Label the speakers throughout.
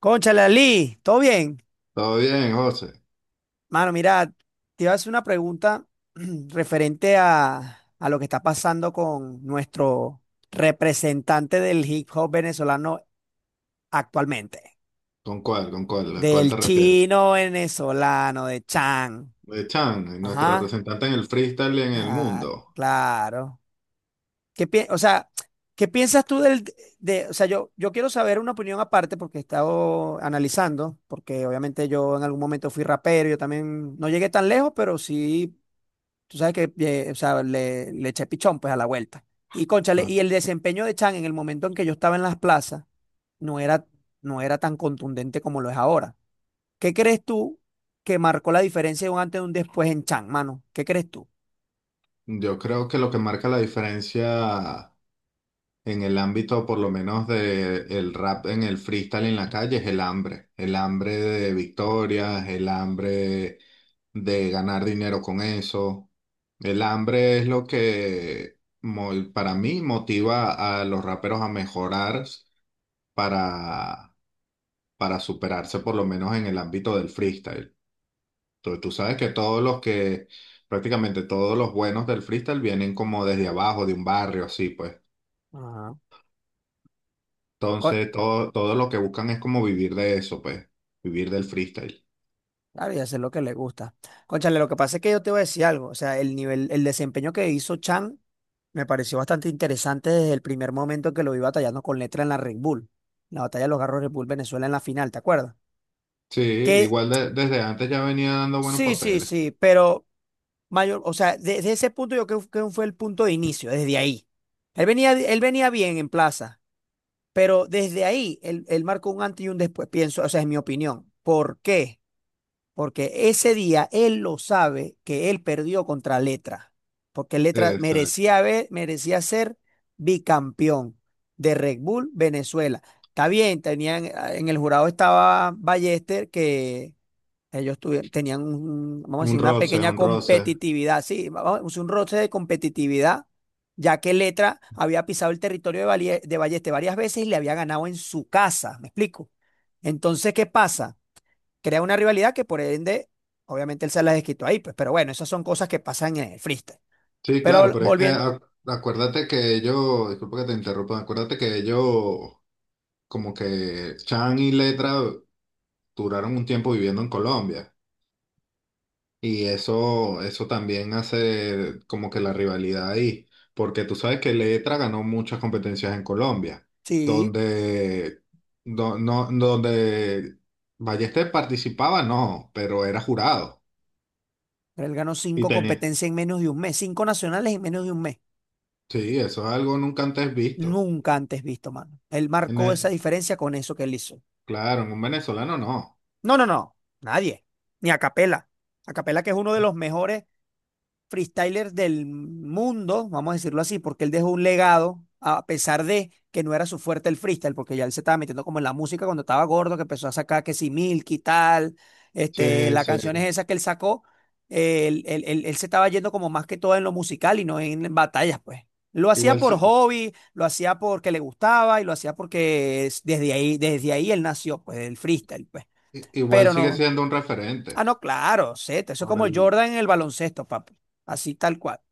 Speaker 1: Cónchale, Ali, ¿todo bien?
Speaker 2: Todo bien, José.
Speaker 1: Mano, mira, te iba a hacer una pregunta referente a lo que está pasando con nuestro representante del hip hop venezolano actualmente,
Speaker 2: ¿Con cuál? ¿Con cuál? ¿A cuál
Speaker 1: del
Speaker 2: te refieres?
Speaker 1: chino venezolano, de Chan.
Speaker 2: De Chan, nuestro
Speaker 1: Ajá,
Speaker 2: representante en el freestyle en el
Speaker 1: claro,
Speaker 2: mundo.
Speaker 1: claro. O sea, ¿qué piensas tú o sea, yo quiero saber una opinión aparte porque he estado analizando, porque obviamente yo en algún momento fui rapero, yo también no llegué tan lejos, pero sí, tú sabes que, o sea, le eché pichón pues a la vuelta. Y cónchale,
Speaker 2: Ah,
Speaker 1: y el desempeño de Chan en el momento en que yo estaba en las plazas no era, no era tan contundente como lo es ahora. ¿Qué crees tú que marcó la diferencia de un antes y un después en Chan, mano? ¿Qué crees tú?
Speaker 2: yo creo que lo que marca la diferencia en el ámbito, por lo menos de el rap en el freestyle en la calle, es el hambre. El hambre de victorias, el hambre de ganar dinero con eso. El hambre es lo que para mí motiva a los raperos a mejorar para para superarse por lo menos en el ámbito del freestyle. Tú sabes que prácticamente todos los buenos del freestyle vienen como desde abajo, de un barrio, así pues.
Speaker 1: Ajá.
Speaker 2: Entonces, todo lo que buscan es como vivir de eso, pues, vivir del freestyle.
Speaker 1: Claro, y hacer lo que le gusta. Cónchale, lo que pasa es que yo te voy a decir algo. O sea, el nivel, el desempeño que hizo Chan me pareció bastante interesante desde el primer momento que lo vi batallando con letra en la Red Bull. La batalla de los Garros Red Bull Venezuela en la final, ¿te acuerdas?
Speaker 2: Sí,
Speaker 1: Que
Speaker 2: igual desde antes ya venía dando buenos
Speaker 1: sí, sí,
Speaker 2: papeles.
Speaker 1: sí, pero mayor, o sea, desde ese punto yo creo que fue el punto de inicio, desde ahí. Él venía bien en plaza, pero desde ahí él marcó un antes y un después, pienso, o sea, es mi opinión. ¿Por qué? Porque ese día él lo sabe que él perdió contra Letra, porque Letra
Speaker 2: Exacto.
Speaker 1: merecía, merecía ser bicampeón de Red Bull Venezuela. Está bien, tenían, ah, en el jurado estaba Ballester, que ellos tenían, vamos a decir, una pequeña
Speaker 2: Un roce.
Speaker 1: competitividad, sí, vamos a decir, un roce de competitividad, ya que Letra había pisado el territorio de Ballester varias veces y le había ganado en su casa, ¿me explico? Entonces, ¿qué pasa? Crea una rivalidad que por ende, obviamente él se las desquitó ahí, pues, pero bueno, esas son cosas que pasan en el freestyle.
Speaker 2: Sí, claro,
Speaker 1: Pero
Speaker 2: pero es que
Speaker 1: volviendo,
Speaker 2: acuérdate que ellos, disculpa que te interrumpa, acuérdate que ellos, como que Chan y Letra duraron un tiempo viviendo en Colombia. Y eso también hace como que la rivalidad ahí, porque tú sabes que Letra ganó muchas competencias en Colombia,
Speaker 1: sí,
Speaker 2: donde, donde Ballester participaba, no, pero era jurado.
Speaker 1: él ganó
Speaker 2: Y
Speaker 1: cinco
Speaker 2: tenía.
Speaker 1: competencias en menos de un mes, cinco nacionales en menos de un mes.
Speaker 2: Sí, eso es algo nunca antes visto.
Speaker 1: Nunca antes visto, mano. Él
Speaker 2: En
Speaker 1: marcó esa
Speaker 2: el-
Speaker 1: diferencia con eso que él hizo.
Speaker 2: claro, en un venezolano no.
Speaker 1: No, no, no, nadie, ni a Capela, que es uno de los mejores freestylers del mundo, vamos a decirlo así, porque él dejó un legado, a pesar de que no era su fuerte el freestyle, porque ya él se estaba metiendo como en la música cuando estaba gordo, que empezó a sacar que si Milky tal, este,
Speaker 2: Sí,
Speaker 1: las canciones
Speaker 2: sí.
Speaker 1: esas que él sacó, él se estaba yendo como más que todo en lo musical y no en batallas, pues. Lo hacía
Speaker 2: Igual,
Speaker 1: por hobby, lo hacía porque le gustaba y lo hacía porque desde ahí él nació, pues, del freestyle, pues.
Speaker 2: igual
Speaker 1: Pero
Speaker 2: sigue
Speaker 1: no.
Speaker 2: siendo un referente.
Speaker 1: Ah, no, claro, Z, eso es
Speaker 2: Por
Speaker 1: como
Speaker 2: el,
Speaker 1: Jordan en el baloncesto, papi. Así tal cual. O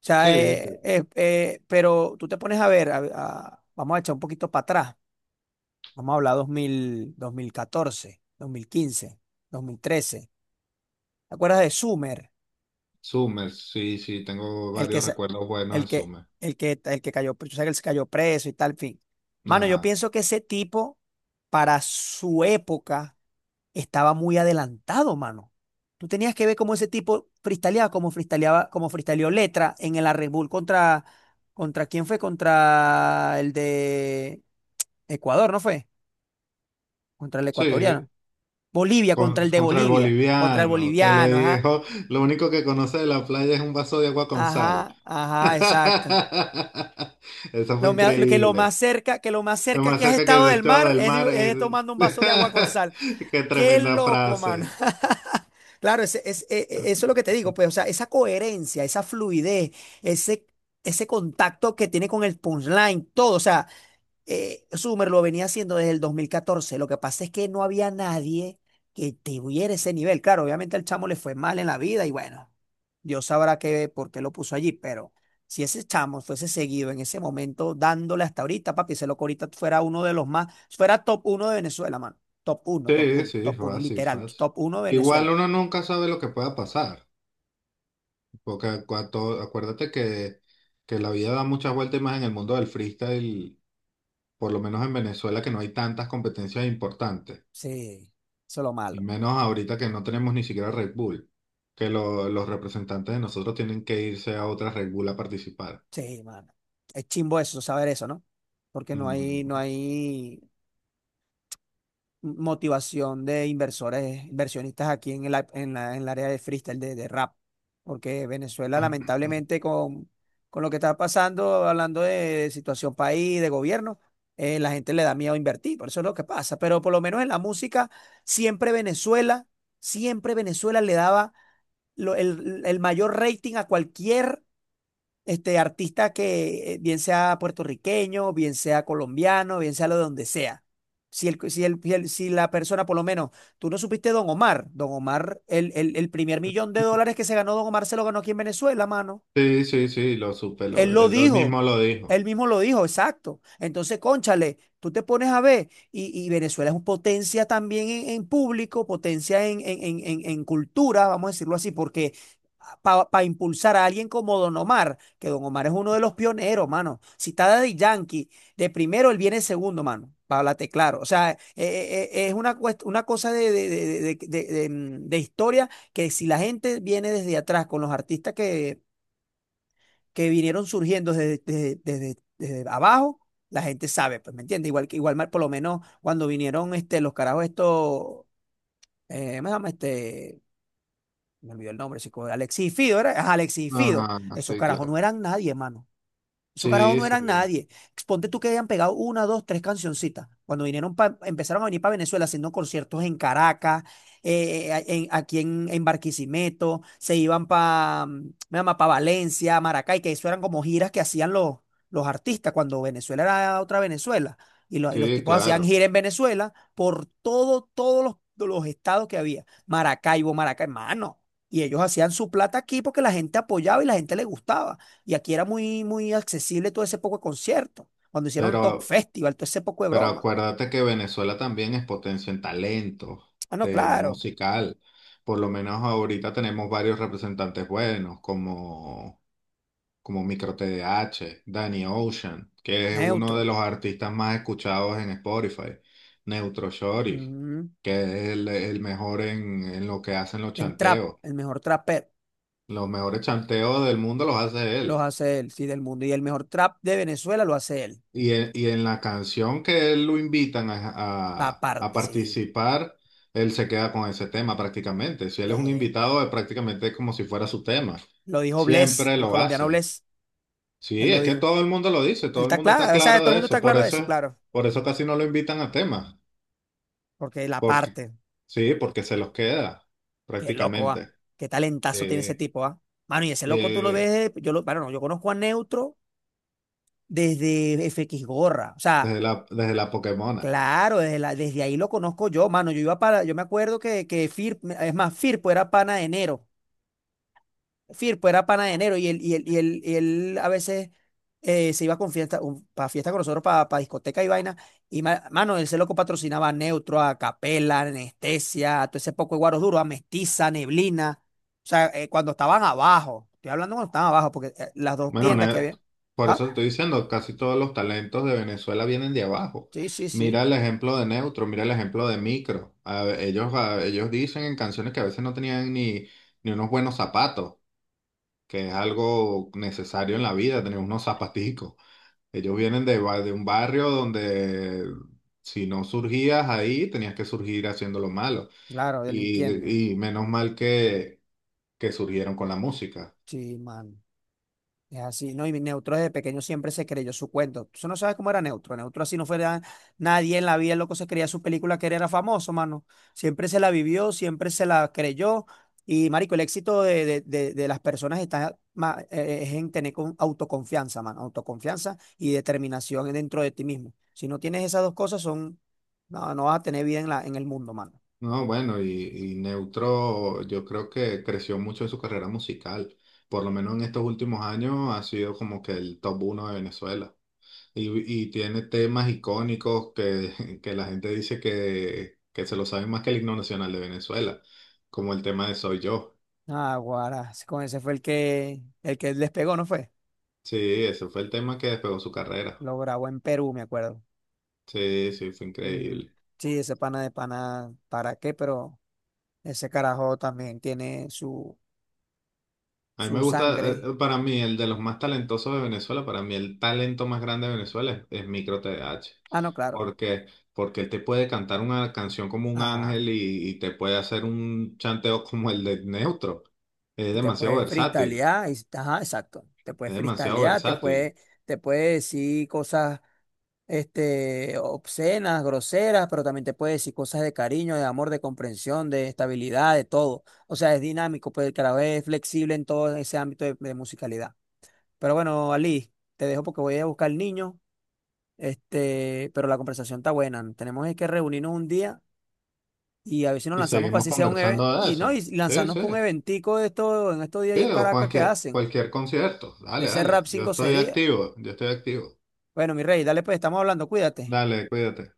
Speaker 1: sea,
Speaker 2: sí, sí.
Speaker 1: pero tú te pones a ver, vamos a echar un poquito para atrás. Vamos a hablar dos mil catorce, quince, 2013. ¿Te acuerdas de Sumer?
Speaker 2: Summers, sí, sí, tengo
Speaker 1: El que,
Speaker 2: varios
Speaker 1: sa-
Speaker 2: recuerdos buenos
Speaker 1: el
Speaker 2: de
Speaker 1: que,
Speaker 2: Summers.
Speaker 1: el que, el que cayó, o sea, que él se cayó preso y tal, en fin. Mano, yo
Speaker 2: Ajá.
Speaker 1: pienso que ese tipo, para su época, estaba muy adelantado, mano. Tú tenías que ver cómo ese tipo freestyleaba, como freestyleó Letra en el Red Bull contra quién fue, contra el de Ecuador, ¿no fue? Contra el
Speaker 2: Sí,
Speaker 1: ecuatoriano. Bolivia, contra el de
Speaker 2: contra el
Speaker 1: Bolivia, contra el
Speaker 2: boliviano, que le
Speaker 1: boliviano, ajá,
Speaker 2: dijo, lo único que conoce de la playa es un vaso de agua con sal.
Speaker 1: ajá, ajá, exacto.
Speaker 2: Eso fue
Speaker 1: Lo que lo más
Speaker 2: increíble.
Speaker 1: cerca, que lo más
Speaker 2: Es
Speaker 1: cerca
Speaker 2: más
Speaker 1: que has
Speaker 2: cerca que
Speaker 1: estado
Speaker 2: el
Speaker 1: del
Speaker 2: estado
Speaker 1: mar
Speaker 2: del
Speaker 1: es,
Speaker 2: mar.
Speaker 1: de- es tomando un vaso de agua con sal.
Speaker 2: Qué
Speaker 1: Qué
Speaker 2: tremenda
Speaker 1: loco, mano.
Speaker 2: frase.
Speaker 1: Claro, ese es- e- e- eso es lo que te digo, pues, o sea, esa coherencia, esa fluidez, ese, ese contacto que tiene con el punchline, todo, o sea, Summer lo venía haciendo desde el 2014. Lo que pasa es que no había nadie que tuviera ese nivel, claro, obviamente al chamo le fue mal en la vida y bueno, Dios sabrá qué, por qué lo puso allí, pero si ese chamo fuese seguido en ese momento dándole hasta ahorita, papi, ese loco ahorita fuera uno de los más, fuera top uno de Venezuela, mano, top uno, top
Speaker 2: Sí,
Speaker 1: uno,
Speaker 2: sí,
Speaker 1: top uno,
Speaker 2: fácil,
Speaker 1: literal,
Speaker 2: fácil.
Speaker 1: top uno de
Speaker 2: Igual
Speaker 1: Venezuela.
Speaker 2: uno nunca sabe lo que pueda pasar, porque acuérdate que la vida da muchas vueltas y más en el mundo del freestyle, por lo menos en Venezuela, que no hay tantas competencias importantes.
Speaker 1: Sí, eso es lo
Speaker 2: Y
Speaker 1: malo.
Speaker 2: menos ahorita que no tenemos ni siquiera Red Bull, que los representantes de nosotros tienen que irse a otra Red Bull a participar.
Speaker 1: Sí, mano. Es chimbo eso, saber eso, ¿no? Porque no hay,
Speaker 2: Mm.
Speaker 1: no hay motivación de inversores, inversionistas aquí en el, en la, en el área de freestyle, de rap. Porque Venezuela, lamentablemente, con lo que está pasando, hablando de situación país, de gobierno, la gente le da miedo invertir. Por eso es lo que pasa. Pero por lo menos en la música, siempre Venezuela, siempre Venezuela le daba el mayor rating a cualquier este, artista que bien sea puertorriqueño, bien sea colombiano, bien sea lo de donde sea. Si la persona, por lo menos, tú no supiste Don Omar, Don Omar, el primer millón de dólares que se ganó Don Omar se lo ganó aquí en Venezuela, mano.
Speaker 2: Sí, sí, sí, lo supe,
Speaker 1: Él
Speaker 2: lo,
Speaker 1: lo
Speaker 2: él lo
Speaker 1: dijo,
Speaker 2: mismo lo dijo.
Speaker 1: él mismo lo dijo, exacto. Entonces, cónchale, tú te pones a ver, y Venezuela es un potencia también en público, potencia en, en cultura, vamos a decirlo así, porque para impulsar a alguien como Don Omar, que Don Omar es uno de los pioneros, mano. Si está Daddy Yankee, de primero él viene segundo, mano, para hablarte claro. O sea, es una cosa de, mm, de historia que si la gente viene desde atrás con los artistas que vinieron surgiendo desde abajo, la gente sabe, pues, ¿me entiendes? Igual que igual mal, por lo menos cuando vinieron este, los carajos estos, ¿cómo se llama? Este, me olvidó el nombre, chico, Alexis y Fido, ¿era? Ajá, Alexis y Fido.
Speaker 2: Ah,
Speaker 1: Esos
Speaker 2: sí,
Speaker 1: carajos
Speaker 2: claro.
Speaker 1: no eran nadie, hermano. Esos carajos
Speaker 2: Sí,
Speaker 1: no eran
Speaker 2: sí,
Speaker 1: nadie. Ponte tú que hayan pegado una, dos, tres cancioncitas. Cuando vinieron empezaron a venir para Venezuela haciendo conciertos en Caracas, aquí en Barquisimeto, se iban para Valencia, Maracay, que eso eran como giras que hacían los artistas cuando Venezuela era otra Venezuela. Y, y los
Speaker 2: sí,
Speaker 1: tipos hacían
Speaker 2: claro.
Speaker 1: gira en Venezuela por todo, todos los estados que había. Maracaibo, Maracay, mano. Y ellos hacían su plata aquí porque la gente apoyaba y la gente le gustaba. Y aquí era muy, muy accesible todo ese poco de concierto. Cuando hicieron el Talk
Speaker 2: Pero,
Speaker 1: Festival, todo ese poco de
Speaker 2: pero
Speaker 1: broma.
Speaker 2: acuérdate que Venezuela también es potencia en talento,
Speaker 1: Ah, no,
Speaker 2: de
Speaker 1: claro.
Speaker 2: musical. Por lo menos ahorita tenemos varios representantes buenos, como Micro TDH, Danny Ocean, que es uno de
Speaker 1: Neutro.
Speaker 2: los artistas más escuchados en Spotify, Neutro Shorty,
Speaker 1: Mm.
Speaker 2: que es el mejor en lo que hacen los
Speaker 1: En trap,
Speaker 2: chanteos.
Speaker 1: el mejor trapper
Speaker 2: Los mejores chanteos del mundo los hace
Speaker 1: los
Speaker 2: él.
Speaker 1: hace él, sí, del mundo. Y el mejor trap de Venezuela lo hace él.
Speaker 2: Y en la canción que él lo invitan a,
Speaker 1: La
Speaker 2: a
Speaker 1: parte, sí.
Speaker 2: participar, él se queda con ese tema prácticamente. Si él es un
Speaker 1: Eh,
Speaker 2: invitado, es prácticamente como si fuera su tema.
Speaker 1: lo dijo Bless,
Speaker 2: Siempre
Speaker 1: el
Speaker 2: lo
Speaker 1: colombiano
Speaker 2: hace.
Speaker 1: Bless.
Speaker 2: Sí,
Speaker 1: Él lo
Speaker 2: es que
Speaker 1: dijo.
Speaker 2: todo el mundo lo dice,
Speaker 1: Él
Speaker 2: todo el
Speaker 1: está
Speaker 2: mundo está
Speaker 1: claro. O sea,
Speaker 2: claro
Speaker 1: todo el
Speaker 2: de
Speaker 1: mundo
Speaker 2: eso,
Speaker 1: está
Speaker 2: por
Speaker 1: claro de eso,
Speaker 2: eso,
Speaker 1: claro.
Speaker 2: por eso casi no lo invitan a temas,
Speaker 1: Porque la
Speaker 2: porque
Speaker 1: parte,
Speaker 2: sí, porque se los queda
Speaker 1: qué loco, va.
Speaker 2: prácticamente
Speaker 1: Qué talentazo tiene ese
Speaker 2: eh,
Speaker 1: tipo, va. Mano, y ese loco tú lo
Speaker 2: eh,
Speaker 1: ves, de- yo lo, bueno, no, yo conozco a Neutro desde FX Gorra. O sea,
Speaker 2: desde la Pokémona.
Speaker 1: claro, desde ahí lo conozco yo, mano. Yo iba para, yo me acuerdo que, que es más, Firpo era pana de enero. Firpo era pana de enero y él a veces se iba con fiesta, para fiesta con nosotros, para discoteca y vaina. Y mano, él se loco patrocinaba a Neutro, a Capela, a Anestesia, a todo ese poco de guaros duros, a Mestiza, Neblina. O sea, cuando estaban abajo, estoy hablando cuando estaban abajo, porque las dos
Speaker 2: Bueno,
Speaker 1: tiendas que había.
Speaker 2: por
Speaker 1: Ah,
Speaker 2: eso te estoy diciendo, casi todos los talentos de Venezuela vienen de abajo.
Speaker 1: sí, sí,
Speaker 2: Mira
Speaker 1: sí,
Speaker 2: el ejemplo de Neutro, mira el ejemplo de Micro. Ellos ellos dicen en canciones que a veces no tenían ni ni unos buenos zapatos, que es algo necesario en la vida, tener unos zapaticos. Ellos vienen de, de un barrio donde si no surgías ahí, tenías que surgir haciendo lo malo.
Speaker 1: claro, delinquiendo.
Speaker 2: Y menos mal que surgieron con la música.
Speaker 1: Sí, mano. Es así, ¿no? Y Neutro desde pequeño siempre se creyó su cuento. Tú no sabes cómo era Neutro. Neutro así no fuera nadie en la vida, el loco se creía su película que él era famoso, mano. Siempre se la vivió, siempre se la creyó. Y, marico, el éxito de las personas es en tener con autoconfianza, mano. Autoconfianza y determinación dentro de ti mismo. Si no tienes esas dos cosas, no, no vas a tener vida en la, en el mundo, mano.
Speaker 2: No, bueno, y Neutro yo creo que creció mucho en su carrera musical. Por lo menos en estos últimos años ha sido como que el top uno de Venezuela. Y tiene temas icónicos que, que la gente dice que se lo saben más que el himno nacional de Venezuela, como el tema de Soy Yo.
Speaker 1: Ah, guara, con ese fue el que despegó, ¿no fue?
Speaker 2: Sí, ese fue el tema que despegó su carrera.
Speaker 1: Lo grabó en Perú, me acuerdo.
Speaker 2: Sí, sí, fue
Speaker 1: Ujú.
Speaker 2: increíble.
Speaker 1: Sí, ese pana de pana, ¿para qué? Pero ese carajo también tiene su,
Speaker 2: A mí me
Speaker 1: su
Speaker 2: gusta,
Speaker 1: sangre.
Speaker 2: para mí, el de los más talentosos de Venezuela, para mí el talento más grande de Venezuela es Micro TDH.
Speaker 1: Ah, no, claro.
Speaker 2: Porque, porque él te puede cantar una canción como un
Speaker 1: Ajá.
Speaker 2: ángel y te puede hacer un chanteo como el de Neutro. Es
Speaker 1: Y te
Speaker 2: demasiado
Speaker 1: puedes
Speaker 2: versátil,
Speaker 1: freestylear. Y, ajá, exacto. Te puedes
Speaker 2: es demasiado
Speaker 1: freestylear,
Speaker 2: versátil.
Speaker 1: te puede decir cosas este, obscenas, groseras, pero también te puede decir cosas de cariño, de amor, de comprensión, de estabilidad, de todo. O sea, es dinámico, pero el carajo es flexible en todo ese ámbito de musicalidad. Pero bueno, Ali, te dejo porque voy a buscar al niño. Este, pero la conversación está buena, ¿no? Tenemos es que reunirnos un día y a ver si nos
Speaker 2: Y
Speaker 1: lanzamos para
Speaker 2: seguimos
Speaker 1: así sea un evento.
Speaker 2: conversando de
Speaker 1: Y no, y
Speaker 2: eso. Sí,
Speaker 1: lanzarnos
Speaker 2: sí.
Speaker 1: para un eventico de esto en estos días
Speaker 2: Sí,
Speaker 1: ahí en Caracas que hacen.
Speaker 2: cualquier concierto.
Speaker 1: De ese
Speaker 2: Dale.
Speaker 1: rap 5 sería.
Speaker 2: Yo estoy activo.
Speaker 1: Bueno, mi rey, dale pues, estamos hablando, cuídate.
Speaker 2: Dale, cuídate.